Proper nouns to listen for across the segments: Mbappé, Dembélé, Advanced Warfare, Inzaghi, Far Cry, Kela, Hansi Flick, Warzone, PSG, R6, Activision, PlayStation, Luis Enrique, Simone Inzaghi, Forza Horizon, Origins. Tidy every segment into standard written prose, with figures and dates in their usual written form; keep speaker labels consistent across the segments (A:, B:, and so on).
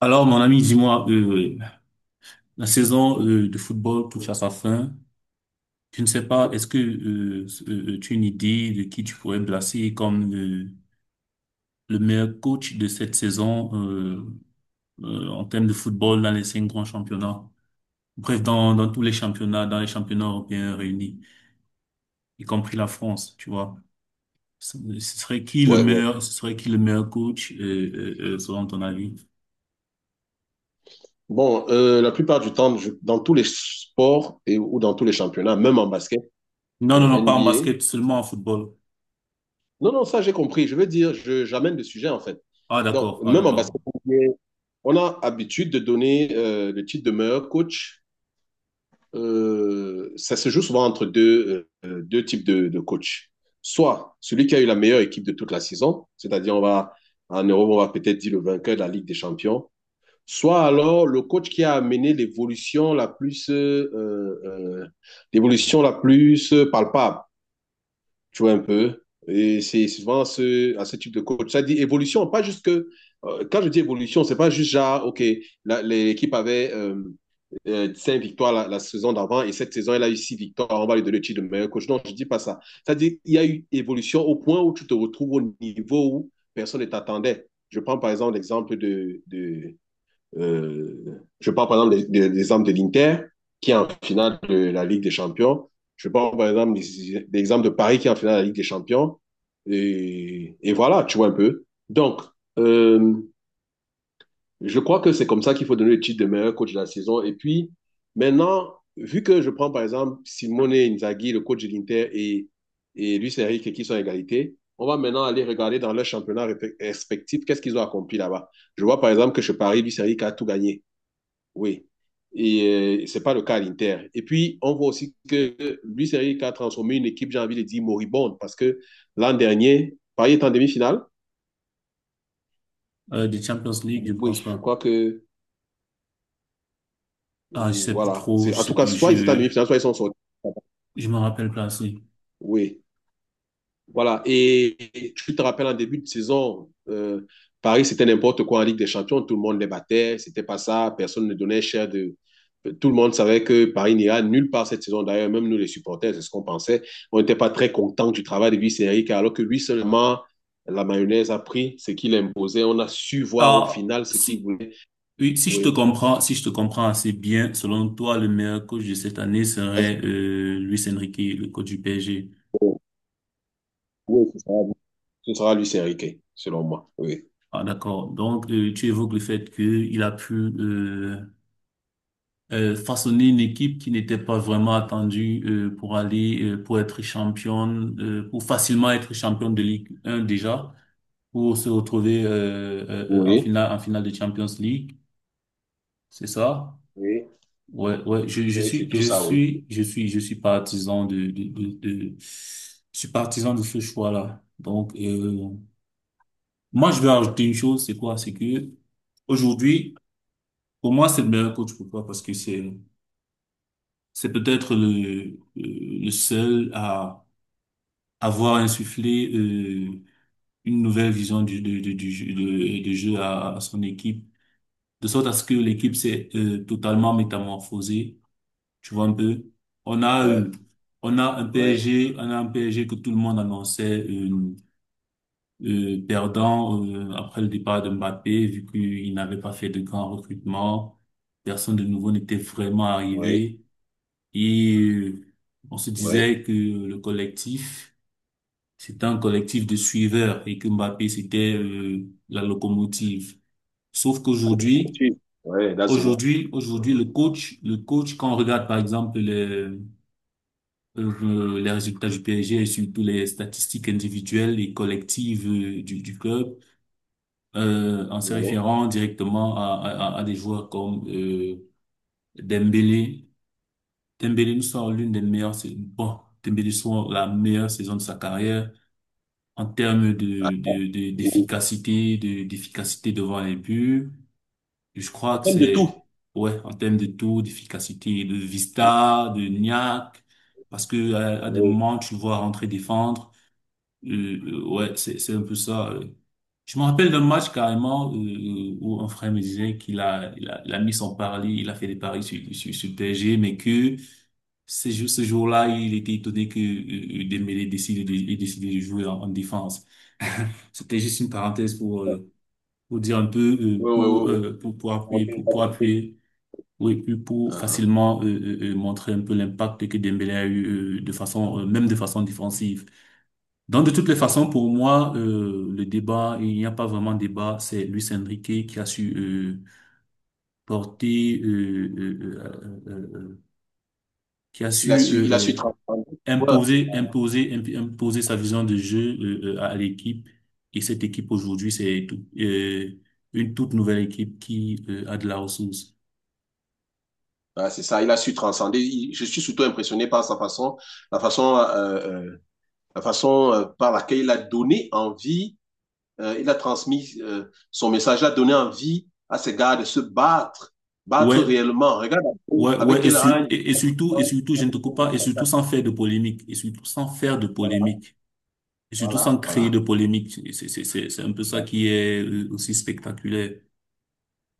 A: Alors, mon ami, dis-moi, la saison de football touche à sa fin. Je ne sais pas, est-ce que tu as une idée de qui tu pourrais placer comme le meilleur coach de cette saison en termes de football dans les cinq grands championnats? Bref, dans tous les championnats, dans les championnats européens réunis, y compris la France, tu vois. Ce serait qui le
B: Ouais, ouais.
A: meilleur, ce serait qui le meilleur coach selon ton avis?
B: Bon, la plupart du temps, dans tous les sports et, ou dans tous les championnats, même en basket,
A: Non, non, non, pas en
B: NBA.
A: basket, seulement en football.
B: Non, non, ça j'ai compris. Je veux dire, j'amène le sujet en fait.
A: Ah,
B: Donc,
A: d'accord, ah,
B: même en
A: d'accord.
B: basket, NBA, on a habitude de donner le titre de meilleur coach. Ça se joue souvent entre deux, deux types de coachs. Soit celui qui a eu la meilleure équipe de toute la saison, c'est-à-dire on va en Europe, on va peut-être dire le vainqueur de la Ligue des Champions. Soit alors le coach qui a amené l'évolution la plus palpable, tu vois un peu. Et c'est souvent ce, à ce type de coach. Ça dit évolution, pas juste que quand je dis évolution, c'est pas juste genre ok, l'équipe avait 5 victoires la saison d'avant et cette saison elle a eu 6 victoires. On va lui donner le titre de meilleur coach. Non, je dis pas ça. Ça dit il y a eu évolution au point où tu te retrouves au niveau où personne ne t'attendait. Je prends par exemple l'exemple de, je parle par exemple des exemples de l'Inter, qui est en finale de la Ligue des Champions. Je parle par exemple des exemples de Paris, qui est en finale de la Ligue des Champions. Et voilà, tu vois un peu. Donc, euh, je crois que c'est comme ça qu'il faut donner le titre de meilleur coach de la saison. Et puis, maintenant, vu que je prends par exemple Simone Inzaghi, le coach de l'Inter, et Luis Enrique qui sont à égalité, on va maintenant aller regarder dans leur championnat respectif qu'est-ce qu'ils ont accompli là-bas. Je vois par exemple que chez Paris, Luis Enrique a tout gagné. Oui. Et c'est pas le cas à l'Inter. Et puis, on voit aussi que Luis Enrique a transformé une équipe, j'ai envie de dire, moribonde, parce que l'an dernier, Paris est en demi-finale.
A: Des Champions League, je
B: Oui,
A: pense
B: je
A: pas.
B: crois que,
A: Ah, je sais plus
B: voilà.
A: trop,
B: C'est,
A: je
B: en tout
A: sais
B: cas,
A: plus,
B: soit ils étaient en
A: je
B: demi-finale, soit ils sont sortis.
A: je me rappelle pas assez.
B: Oui. Voilà. Et tu te rappelles en début de saison, Paris, c'était n'importe quoi en Ligue des Champions. Tout le monde les battait. C'était pas ça. Personne ne donnait cher de. Tout le monde savait que Paris n'ira nulle part cette saison. D'ailleurs, même nous, les supporters, c'est ce qu'on pensait. On n'était pas très contents du travail de Luis Enrique alors que lui seulement, la mayonnaise a pris ce qu'il imposait. On a su voir au
A: Ah,
B: final ce qu'il
A: si
B: voulait.
A: oui, si je
B: Oui,
A: te comprends, si je te comprends assez bien, selon toi, le meilleur coach de cette année serait Luis Enrique, le coach du PSG.
B: oui, ce sera Luis Enrique, selon moi. Oui.
A: Ah, d'accord. Donc tu évoques le fait qu'il a pu euh, façonner une équipe qui n'était pas vraiment attendue pour aller pour être championne, pour facilement être championne de Ligue 1 déjà, pour se retrouver
B: Oui,
A: en finale de Champions League, c'est ça?
B: oui,
A: Ouais, ouais, je
B: oui, c'est
A: suis,
B: tout
A: je
B: ça, oui.
A: suis, je suis, je suis partisan de, je suis partisan de ce choix-là. Donc, moi, je vais ajouter une chose, c'est quoi? C'est que aujourd'hui, pour moi, c'est le meilleur coach. Pourquoi? Parce que c'est peut-être le seul à avoir insufflé une nouvelle vision du jeu, de jeu à son équipe de sorte à ce que l'équipe s'est totalement métamorphosée, tu vois un peu. On a
B: Ouais,
A: euh, on a un
B: ouais,
A: PSG, on a un PSG que tout le monde annonçait perdant après le départ de Mbappé, vu qu'il n'avait pas fait de grands recrutements, personne de nouveau n'était vraiment
B: oui.
A: arrivé et on se
B: Ouais.
A: disait que le collectif c'était un collectif de suiveurs et que Mbappé c'était la locomotive. Sauf qu'aujourd'hui.
B: Tu- Ouais, that's the one.
A: Aujourd'hui, aujourd'hui,
B: Mhm.
A: le coach, quand on regarde par exemple les résultats du PSG et surtout les statistiques individuelles et collectives du club, en se
B: Ouais.
A: référant directement à des joueurs comme Dembélé, Dembélé nous sort l'une des meilleures, Dembélé sort la meilleure saison de sa carrière en termes
B: Attends. Et
A: d'efficacité, d'efficacité devant les buts. Et Je crois
B: en
A: que
B: termes de tout.
A: c'est, ouais, en termes de taux d'efficacité, de Vista, de NIAC, parce que à des
B: Oui.
A: moments, tu le vois rentrer défendre. Euh, ouais, c'est un peu ça. Je me rappelle d'un match carrément où un frère me disait qu'il a, il a mis son pari, il a fait des paris sur le PSG, mais que c'est juste ce jour-là, il était étonné que Dembélé décide de, ait décidé de jouer en défense. C'était juste une parenthèse
B: Oui,
A: pour dire un peu
B: oui, oui,
A: pour,
B: oui.
A: pour pour appuyer
B: Monter une
A: pour pour
B: capacité.
A: appuyer oui puis pour
B: Mhm.
A: facilement montrer un peu l'impact que Dembélé a eu de façon même de façon défensive. Donc de toutes les
B: Ouais.
A: façons pour moi, le débat, il n'y a pas vraiment de débat, c'est Luis Enrique qui a su porter qui a su
B: Il a su transcender. Ouais.
A: imposer sa vision de jeu à l'équipe. Et cette équipe aujourd'hui, une toute nouvelle équipe qui a de la ressource.
B: Ah, c'est ça, il a su transcender. Je suis surtout impressionné par sa façon, la façon, euh, euh, la façon par laquelle il a donné envie, il a transmis son message, il a donné envie à ses gars de se battre, battre
A: Ouais,
B: réellement. Regarde
A: ouais,
B: avec
A: ouais. Et,
B: quel âge les gars
A: surtout,
B: se
A: et
B: battent.
A: surtout, je ne te coupe pas. Et surtout sans faire de polémique. Et surtout sans faire de
B: Voilà,
A: polémique. Et surtout
B: voilà,
A: sans créer de
B: voilà.
A: polémique. C'est un peu ça qui est aussi spectaculaire.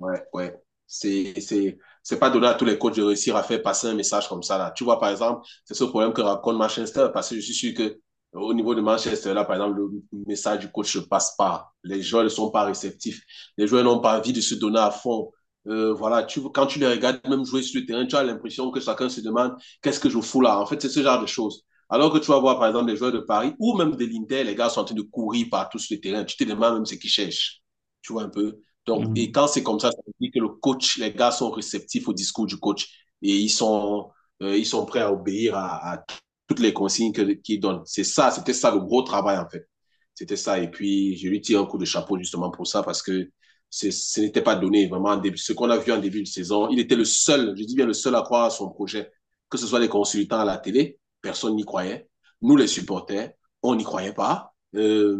B: Ouais, ouais. C'est, c'est, c'est pas donné à tous les coachs de réussir à faire passer un message comme ça, là. Tu vois, par exemple, c'est ce problème que raconte Manchester, parce que je suis sûr que au niveau de Manchester, là, par exemple, le message du coach ne passe pas. Les joueurs ne sont pas réceptifs. Les joueurs n'ont pas envie de se donner à fond. Voilà, tu, quand tu les regardes même jouer sur le terrain, tu as l'impression que chacun se demande qu'est-ce que je fous là. En fait, c'est ce genre de choses. Alors que tu vas voir, par exemple, des joueurs de Paris ou même de l'Inter, les gars sont en train de courir partout sur le terrain. Tu te demandes même ce qu'ils cherchent. Tu vois un peu. Donc, et quand c'est comme ça veut dire que le coach, les gars sont réceptifs au discours du coach et ils sont prêts à obéir à toutes les consignes qu'il donne. C'est ça, c'était ça le gros travail en fait. C'était ça. Et puis, je lui tire un coup de chapeau justement pour ça parce que ce n'était pas donné vraiment. Ce qu'on a vu en début de saison, il était le seul, je dis bien le seul à croire à son projet. Que ce soit les consultants à la télé, personne n'y croyait. Nous, les supporters, on n'y croyait pas. Euh,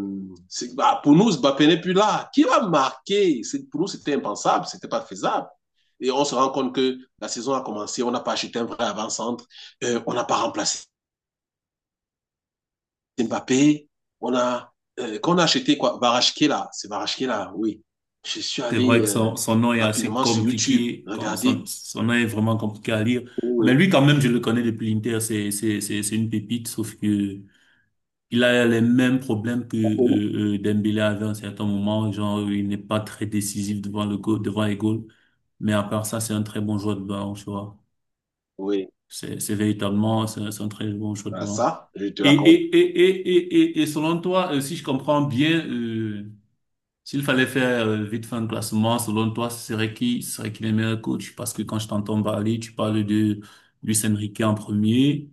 B: Bah, pour nous, Mbappé n'est plus là. Qui va marquer? Pour nous, c'était impensable, c'était pas faisable. Et on se rend compte que la saison a commencé, on n'a pas acheté un vrai avant-centre, on n'a pas remplacé Mbappé, on a, quand on a acheté quoi? Kela, c'est Kela, oui. Je suis
A: C'est vrai que
B: allé
A: son, son nom est assez
B: rapidement sur YouTube,
A: compliqué, quand
B: regarder.
A: son, son nom est vraiment compliqué à lire.
B: Oui,
A: Mais lui, quand même, je le connais depuis l'Inter, c'est une pépite, sauf que il a les mêmes problèmes que Dembélé avait à un certain moment, genre il n'est pas très décisif devant le goal, devant les goals. Mais à part ça, c'est un très bon joueur de ballon, tu vois.
B: oui,
A: C'est véritablement, c'est un très bon joueur de
B: voilà,
A: ballon.
B: ça, je te
A: Et,
B: l'accorde.
A: et, et, et, selon toi, si je comprends bien, s'il fallait faire vite fait un classement, selon toi, ce serait qui les meilleurs coachs? Parce que quand je t'entends parler, tu parles de Luis Enrique en premier.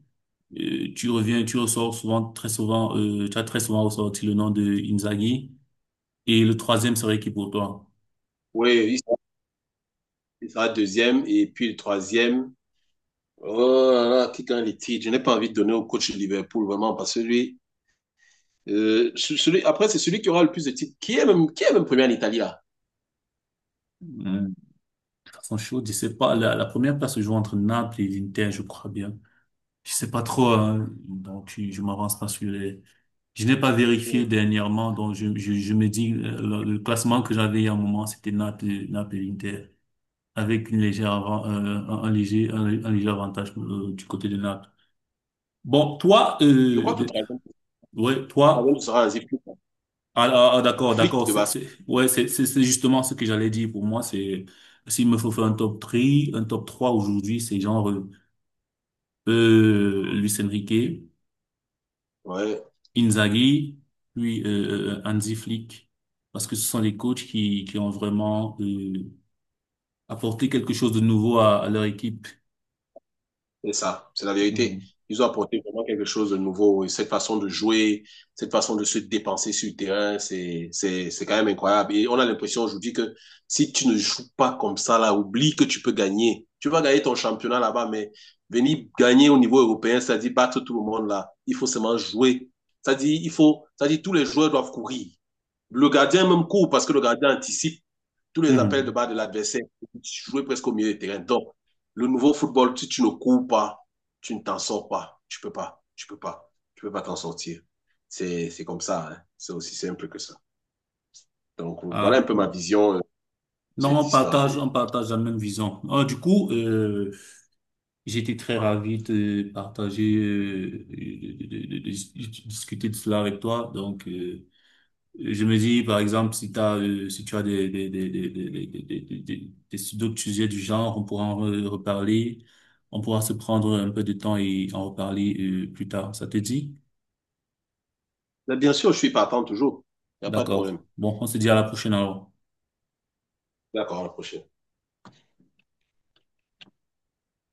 A: Tu reviens, tu ressors souvent, très souvent, tu as très souvent ressorti le nom de Inzaghi. Et le troisième serait qui pour toi?
B: Oui, il sera deuxième et puis le troisième. Oh là là, qui gagne les titres? Je n'ai pas envie de donner au coach de Liverpool, vraiment, parce que lui, celui, après, c'est celui qui aura le plus de titres. Qui est même premier en Italie, là?
A: Hum, de façon chaude, je sais pas. La première place se joue entre Naples et l'Inter, je crois bien. Je sais pas trop, hein, donc je m'avance pas sur les. Je n'ai pas vérifié dernièrement, donc je me dis le classement que j'avais il y a un moment, c'était Naples et Inter, avec une légère un léger avantage du côté de Naples. Bon, toi,
B: Je crois que le
A: de-
B: troisième
A: ouais,
B: troisième
A: toi,
B: sera Hansi Flick, hein.
A: ah, ah, ah, d'accord,
B: Flick
A: d'accord,
B: de basket.
A: ouais, c'est justement ce que j'allais dire. Pour moi, c'est s'il me faut faire un top 3, un top 3 aujourd'hui, c'est genre Luis Enrique. Inzaghi, puis Hansi Flick, parce que ce sont les coachs qui ont vraiment apporté quelque chose de nouveau à leur équipe.
B: C'est ça, c'est la vérité.
A: Mhm.
B: Ils ont apporté vraiment quelque chose de nouveau. Et cette façon de jouer, cette façon de se dépenser sur le terrain, c'est quand même incroyable. Et on a l'impression aujourd'hui que si tu ne joues pas comme ça, là, oublie que tu peux gagner. Tu vas gagner ton championnat là-bas, mais venir gagner au niveau européen, c'est-à-dire battre tout le monde là. Il faut seulement jouer. C'est-à-dire, il faut, c'est-à-dire, tous les joueurs doivent courir. Le gardien même court parce que le gardien anticipe tous les appels de
A: Mhm.
B: bas de l'adversaire, tu jouais presque au milieu de terrain. Donc, le nouveau football, si tu ne cours pas, tu ne t'en sors pas. Tu ne peux pas t'en sortir. C'est comme ça, hein. C'est aussi simple que ça. Donc, voilà un
A: Ah.
B: peu ma vision de
A: Non,
B: cette histoire de...
A: on partage la même vision. Ah, du coup, j'étais très ravi de partager, de discuter de cela avec toi. Donc, je me dis, par exemple, si t'as, si tu as des- d'autres sujets du genre, on pourra en reparler, on pourra se prendre un peu de temps et en reparler, plus tard. Ça te dit?
B: Mais bien sûr, je suis partant toujours. Il n'y a pas de problème.
A: D'accord. Bon, on se dit à la prochaine alors.
B: D'accord, à la prochaine.